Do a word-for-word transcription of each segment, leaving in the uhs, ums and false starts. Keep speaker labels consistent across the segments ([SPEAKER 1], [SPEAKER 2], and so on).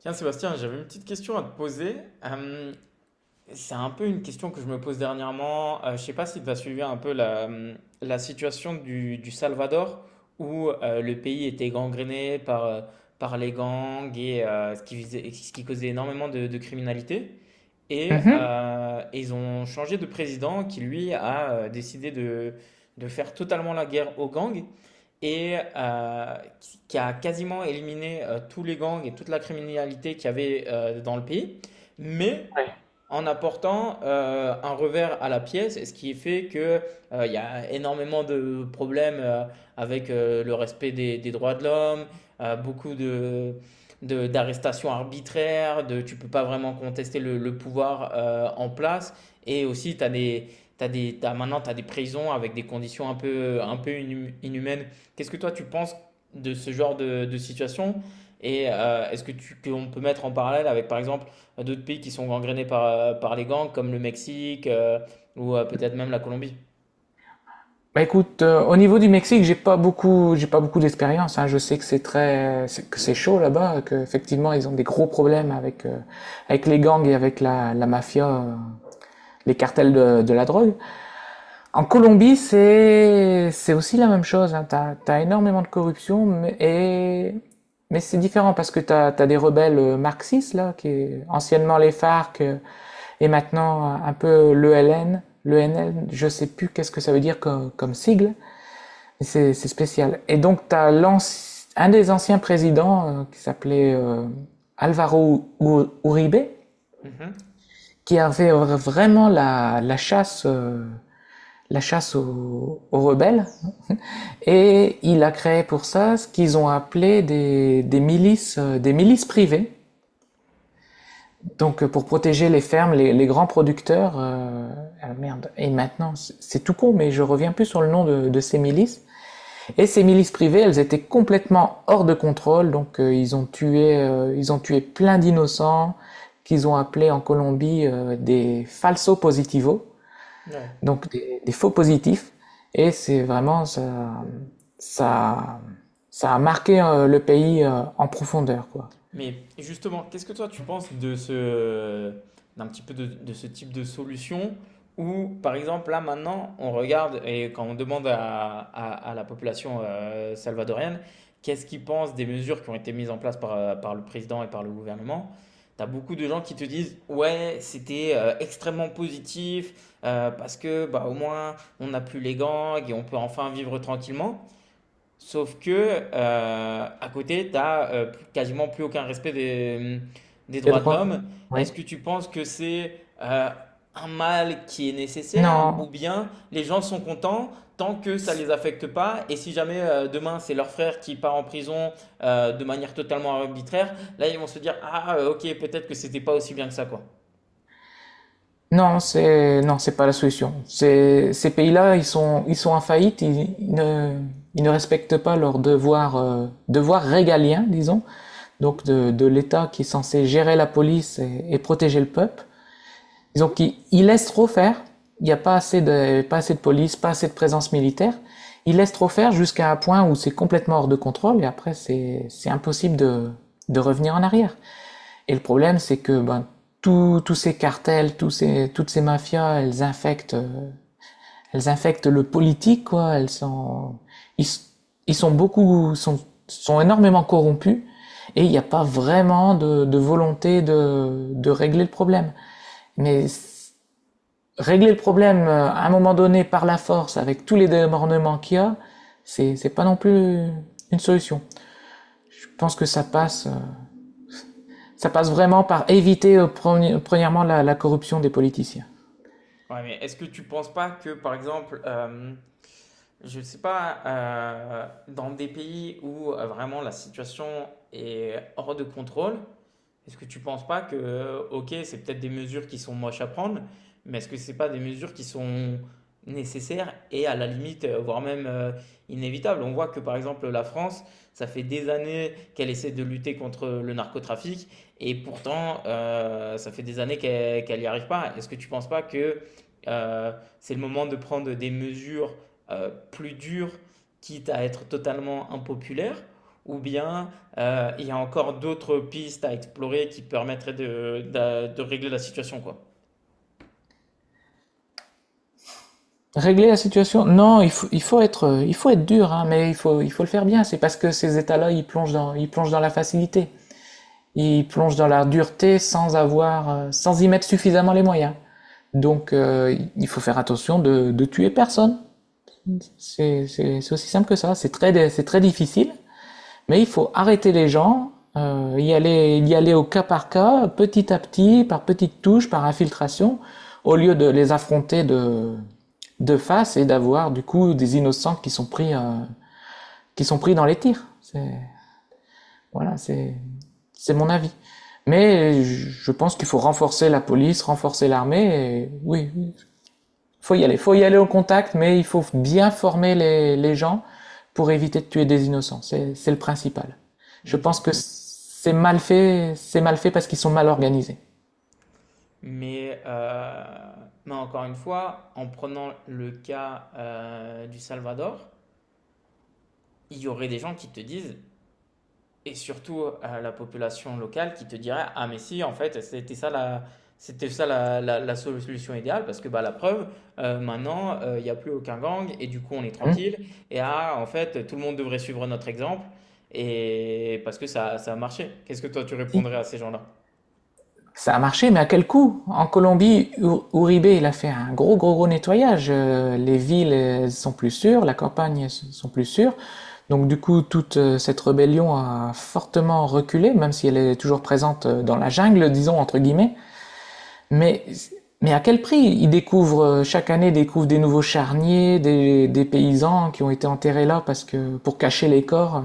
[SPEAKER 1] Tiens, Sébastien, j'avais une petite question à te poser. Euh, c'est un peu une question que je me pose dernièrement. Euh, je sais pas si tu as suivi un peu la, hum, la situation du, du Salvador, où euh, le pays était gangréné par, euh, par les gangs et euh, ce qui, faisait- ce qui causait énormément de, de criminalité. Et,
[SPEAKER 2] Mhm.
[SPEAKER 1] euh, et ils ont changé de président qui, lui, a euh, décidé de, de faire totalement la guerre aux gangs et euh, qui- qui a quasiment éliminé euh, tous les gangs et toute la criminalité qu'il y avait euh, dans le pays. Mais
[SPEAKER 2] Ouais.
[SPEAKER 1] en apportant euh, un revers à la pièce, et ce qui fait que euh, il y a énormément de problèmes euh, avec euh, le respect des, des droits de l'homme, euh, beaucoup de, de- d'arrestations arbitraires, de tu peux pas vraiment contester le, le pouvoir euh, en place, et aussi t'as des T'as des, t'as, maintenant, tu as des prisons avec des conditions un peu, un peu inhum- inhumaines. Qu'est-ce que toi, tu penses de ce genre de, de situation? Et euh, est-ce que tu, qu'on peut mettre en parallèle avec, par exemple, d'autres pays qui sont gangrénés par, euh, par les gangs, comme le Mexique euh, ou euh, peut-être même la Colombie.
[SPEAKER 2] Bah écoute, euh, au niveau du Mexique, j'ai pas beaucoup, j'ai pas beaucoup d'expérience, hein. Je sais que c'est très, c'est- que c'est chaud là-bas, que effectivement ils ont des gros problèmes avec euh, avec les gangs et avec la, la mafia, euh, les cartels de, de la drogue. En Colombie, c'est c'est aussi la même chose, hein. T'as, t'as énormément de corruption, mais, et... mais c'est différent parce que t'as, t'as des rebelles euh, marxistes, là, qui est anciennement les F A R C euh, et maintenant euh, un peu l'E L N. L'E N L, je sais plus qu'est-ce que ça veut dire comme, comme sigle, mais c'est c'est spécial. Et donc, t'as l'anci- un des anciens présidents euh, qui s'appelait euh, Alvaro U- Uribe,
[SPEAKER 1] Mhm.
[SPEAKER 2] qui avait vra- vraiment la, la chasse, euh, la chasse aux, aux rebelles. Et il a créé pour ça ce qu'ils ont appelé des, des milices, euh, des milices privées. Donc euh, pour protéger les fermes, les, les grands producteurs. Euh, ah, merde. Et maintenant, c'est tout con, mais je reviens plus sur le nom de, de ces milices. Et ces milices privées, elles étaient complètement hors de contrôle. Donc euh, ils ont tué, euh, ils ont tué plein d'innocents qu'ils ont appelés en Colombie euh, des falsos positivos.
[SPEAKER 1] Ouais.
[SPEAKER 2] Donc des, des faux positifs. Et c'est vraiment ça, ça, ça a marqué euh, le pays euh, en profondeur, quoi.
[SPEAKER 1] Mais justement, qu'est-ce que toi tu penses de ce, d'un petit peu de, de ce type de solution où, par exemple, là maintenant, on regarde et quand on demande à, à- à la population euh, salvadorienne qu'est-ce qu'ils pensent des mesures qui ont été mises en place par, euh, par le président et par le gouvernement, t'as beaucoup de gens qui te disent ouais, c'était euh, extrêmement positif euh, parce que bah, au moins on n'a plus les gangs et on peut enfin vivre tranquillement. Sauf que, euh, à côté, tu n'as quasiment plus aucun respect des, hum, des
[SPEAKER 2] Les
[SPEAKER 1] droits de
[SPEAKER 2] droits.
[SPEAKER 1] l'homme.
[SPEAKER 2] Oui.
[SPEAKER 1] Est-ce que tu penses que c'est euh, un mal qui est nécessaire ou
[SPEAKER 2] Non,
[SPEAKER 1] bien les gens sont contents tant que ça ne les affecte pas et si jamais euh, demain c'est leur frère qui part en prison euh, de manière totalement arbitraire, là ils vont se dire, ah euh, ok, peut-être que c'était pas aussi bien que ça, quoi.
[SPEAKER 2] non, c'est non, c'est pas la solution. C'est- ces pays-là, ils sont ils sont en faillite. Ils, ils ne ils ne respectent pas leurs devoirs euh, devoirs régaliens, disons, donc de de l'État qui est censé gérer la police et, et protéger le peuple. Disons qu'ils ils laissent trop faire. Il n'y a pas assez de, pas assez de police, pas assez de présence militaire. Ils laissent trop faire jusqu'à un point où c'est complètement hors de contrôle et après c'est, c'est impossible de, de revenir en arrière. Et le problème, c'est que ben, tous tous ces cartels, tous ces, toutes ces mafias, elles infectent, euh, elles infectent le politique, quoi. Elles sont, ils, ils sont beaucoup, sont, sont énormément corrompus et il n'y a pas vraiment de, de volonté de, de régler le problème. Mais régler le problème euh, à un moment donné par la force avec tous les débordements qu'il y a, c'est pas non plus une solution. Je pense que ça passe, euh, ça passe vraiment par éviter euh, premièrement la, la corruption des politiciens.
[SPEAKER 1] Ouais, mais est-ce que tu penses pas que, par exemple, euh, je sais pas, euh, dans des pays où euh, vraiment la situation est hors de contrôle, est-ce que tu penses pas que, euh, ok, c'est peut-être des mesures qui sont moches à prendre, mais est-ce que c'est pas des mesures qui sont nécessaires et à la limite, euh, voire même euh, inévitables? On voit que, par exemple, la France, ça fait des années qu'elle essaie de lutter contre le narcotrafic et pourtant, euh, ça fait des années qu'elle qu'elle n'y arrive pas. Est-ce que tu penses pas que euh, c'est le moment de prendre des mesures euh, plus dures, quitte à être totalement impopulaires. Ou bien euh, il y a encore d'autres pistes à explorer qui permettraient de, d'a- de régler la situation, quoi.
[SPEAKER 2] Régler la situation, non, il faut, il faut être, euh, il faut être dur, hein, mais il faut, il faut le faire bien. C'est parce que ces États-là, ils plongent dans, ils plongent dans la facilité, ils plongent dans la dureté sans avoir, euh, sans y mettre suffisamment les moyens. Donc, euh, il faut faire attention de, de tuer personne. C'est c'est- c'est aussi simple que ça. C'est très, dé- c'est très difficile, mais il faut arrêter les gens, euh, y aller, y aller au cas par cas, petit à petit, par petites touches, par infiltration, au lieu de les affronter de, de face et d'avoir du coup des innocents qui sont pris, euh, qui sont pris dans les tirs. C'est, voilà, c'est, c'est mon avis. Mais je je pense qu'il faut renforcer la police, renforcer l'armée. Et oui, faut y aller, faut y aller au contact, mais il faut bien former les, les gens pour éviter de tuer des innocents. C'est, c'est le principal. Je pense
[SPEAKER 1] Ok.
[SPEAKER 2] que c'est mal fait, c'est mal fait parce qu'ils sont mal organisés.
[SPEAKER 1] Mais, euh, mais encore une fois, en prenant le cas euh, du Salvador, il y aurait des gens qui te disent, et surtout à la population locale qui te dirait, ah mais si, en fait, c'était ça la, c'était ça la, la- la solution idéale parce que bah, la preuve, euh, maintenant, euh, il n'y a plus aucun gang et du coup on est
[SPEAKER 2] Hmm.
[SPEAKER 1] tranquille. Et ah, en fait, tout le monde devrait suivre notre exemple et parce que ça, ça a marché. Qu'est-ce que toi tu
[SPEAKER 2] Si.
[SPEAKER 1] répondrais à ces gens-là?
[SPEAKER 2] Ça a marché, mais à quel coût? En Colombie, Uribe, il a fait un gros, gros, gros nettoyage. Euh, Les villes sont plus sûres, la campagne sont plus sûres. Donc du coup, toute euh, cette rébellion a fortement reculé, même si elle est toujours présente euh, dans la jungle, disons, entre guillemets. Mais, mais à quel prix? Ils découvrent, euh, chaque année, découvrent des nouveaux charniers, des, des paysans qui ont été enterrés là parce que, pour cacher les corps, euh,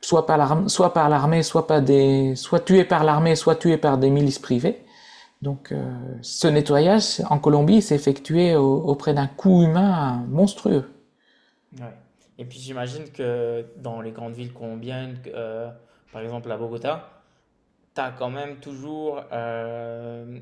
[SPEAKER 2] soit par l'armée, soit par l'armée, soit pas des, soit tués par l'armée, soit tués par des milices privées. Donc, euh, ce nettoyage en Colombie s'est effectué au- auprès d'un coût humain monstrueux.
[SPEAKER 1] Ouais. Et puis j'imagine que dans les grandes villes colombiennes, euh, par exemple à Bogota, t'as quand même toujours euh,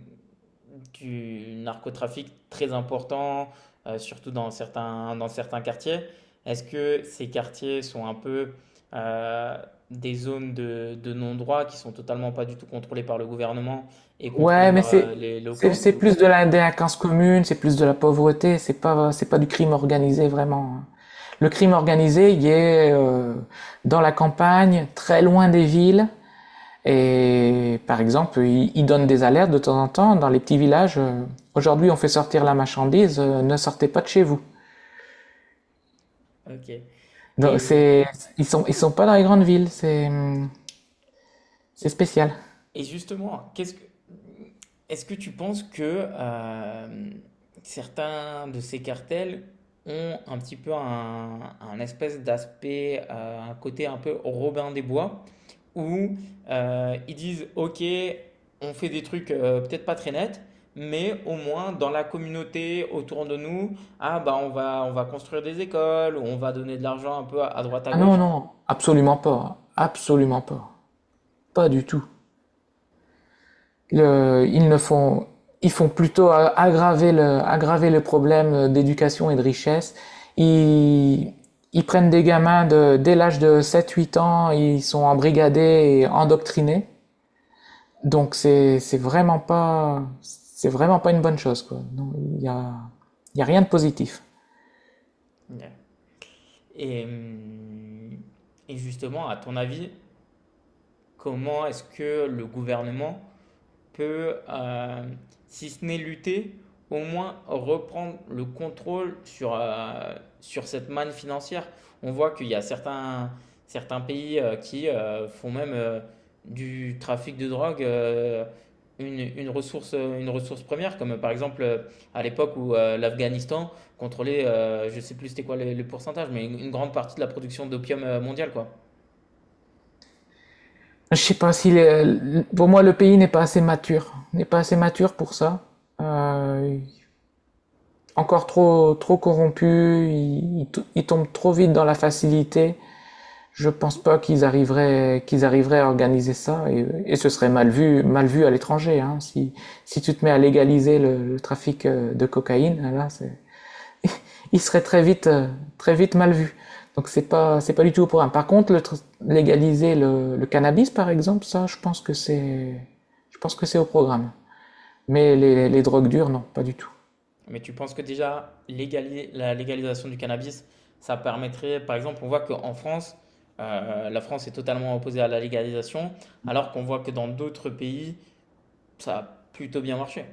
[SPEAKER 1] du narcotrafic très important, euh, surtout dans certains, dans certains quartiers. Est-ce que ces quartiers sont un peu euh, des zones de, de non-droit qui sont totalement pas du tout contrôlées par le gouvernement et contrôlées
[SPEAKER 2] Ouais, mais
[SPEAKER 1] par
[SPEAKER 2] c'est
[SPEAKER 1] euh, les
[SPEAKER 2] c'est
[SPEAKER 1] locaux?
[SPEAKER 2] c'est plus de la délinquance commune, c'est plus de la pauvreté, c'est pas c'est pas du crime organisé vraiment, hein. Le crime organisé, il est euh, dans la campagne, très loin des villes. Et par exemple, ils ils donnent des alertes de temps en temps dans les petits villages. euh, Aujourd'hui, on fait sortir la marchandise, euh, ne sortez pas de chez vous.
[SPEAKER 1] Ok.
[SPEAKER 2] Donc
[SPEAKER 1] Et,
[SPEAKER 2] c'est Ils sont ils sont pas dans les grandes villes, c'est hum, c'est spécial.
[SPEAKER 1] Et justement, qu'est-ce que, est-ce que tu penses que euh, certains de ces cartels ont un petit peu un, un espèce d'aspect, euh, un côté un peu Robin des Bois, où euh, ils disent, OK, on fait des trucs euh, peut-être pas très nets, mais au moins dans la communauté autour de nous, ah bah on va, on va construire des écoles, on va donner de l'argent un peu à, à droite à
[SPEAKER 2] Ah non
[SPEAKER 1] gauche.
[SPEAKER 2] non, absolument pas, absolument pas, pas du tout. Le- ils ne font, Ils font plutôt a- aggraver le, aggraver le problème euh, d'éducation et de richesse. Ils, ils prennent des gamins de, dès l'âge de sept-huit ans, ils sont embrigadés et endoctrinés. Donc c'est, c'est vraiment pas, c'est vraiment pas une bonne chose, quoi. Non, il y a, il y a rien de positif.
[SPEAKER 1] Ouais. Et, hum, et justement, à ton avis, comment est-ce que le gouvernement peut, euh, si ce n'est lutter, au moins reprendre le contrôle sur, euh, sur cette manne financière. On voit qu'il y a certains, certains pays euh, qui euh, font même euh, du trafic de drogue euh, une, une ressource, euh, une ressource première, comme euh, par exemple euh, à l'époque où euh, l'Afghanistan contrôlait, euh, je ne sais plus c'était quoi le, le pourcentage, mais une, une grande partie de la production d'opium euh, mondiale, quoi.
[SPEAKER 2] Je sais pas si, les- pour moi, le pays n'est pas assez mature, n'est pas assez mature pour ça. Euh, Encore trop, trop corrompus, ils, ils tombent trop vite dans la facilité. Je pense pas qu'ils arriveraient, qu'ils arriveraient à organiser ça et, et ce serait mal vu, mal vu à l'étranger, hein. Si, si tu te mets à légaliser le, le trafic euh, de cocaïne, là, c'est, il serait très vite, euh, très vite mal vu. Donc c'est pas, c'est pas du tout au programme. Par contre, le légaliser le, le cannabis, par exemple, ça, je pense que c'est, je pense que c'est au programme. Mais les, les drogues dures, non, pas du tout.
[SPEAKER 1] Mais tu penses que déjà, légali- la légalisation du cannabis, ça permettrait, par exemple, on voit qu'en France, euh, la France est totalement opposée à la légalisation, alors qu'on voit que dans d'autres pays, ça a plutôt bien marché.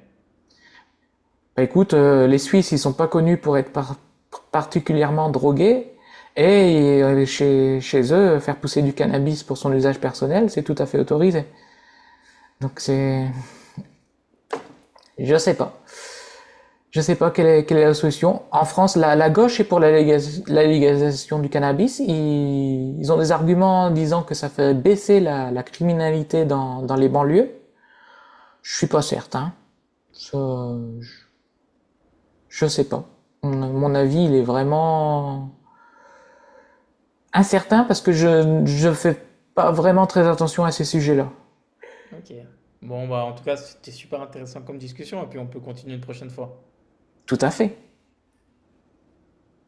[SPEAKER 2] Bah, écoute, euh, les Suisses, ils sont pas connus pour être par- particulièrement drogués, et euh, chez, chez eux, faire pousser du cannabis pour son usage personnel, c'est tout à fait autorisé. Donc c'est... Je sais pas. Je sais pas quelle est, quelle est la solution. En France, la, la gauche est pour la, légalis- la légalisation du cannabis. Ils, ils ont des arguments disant que ça fait baisser la, la criminalité dans, dans les banlieues. Je suis pas certain. Ça, je, je sais pas. Mon mon avis, il est vraiment incertain parce que je ne fais pas vraiment très attention à ces sujets-là.
[SPEAKER 1] Ok. Bon, bah, en tout cas, c'était super intéressant comme discussion, et puis on peut continuer une prochaine fois.
[SPEAKER 2] Tout à fait.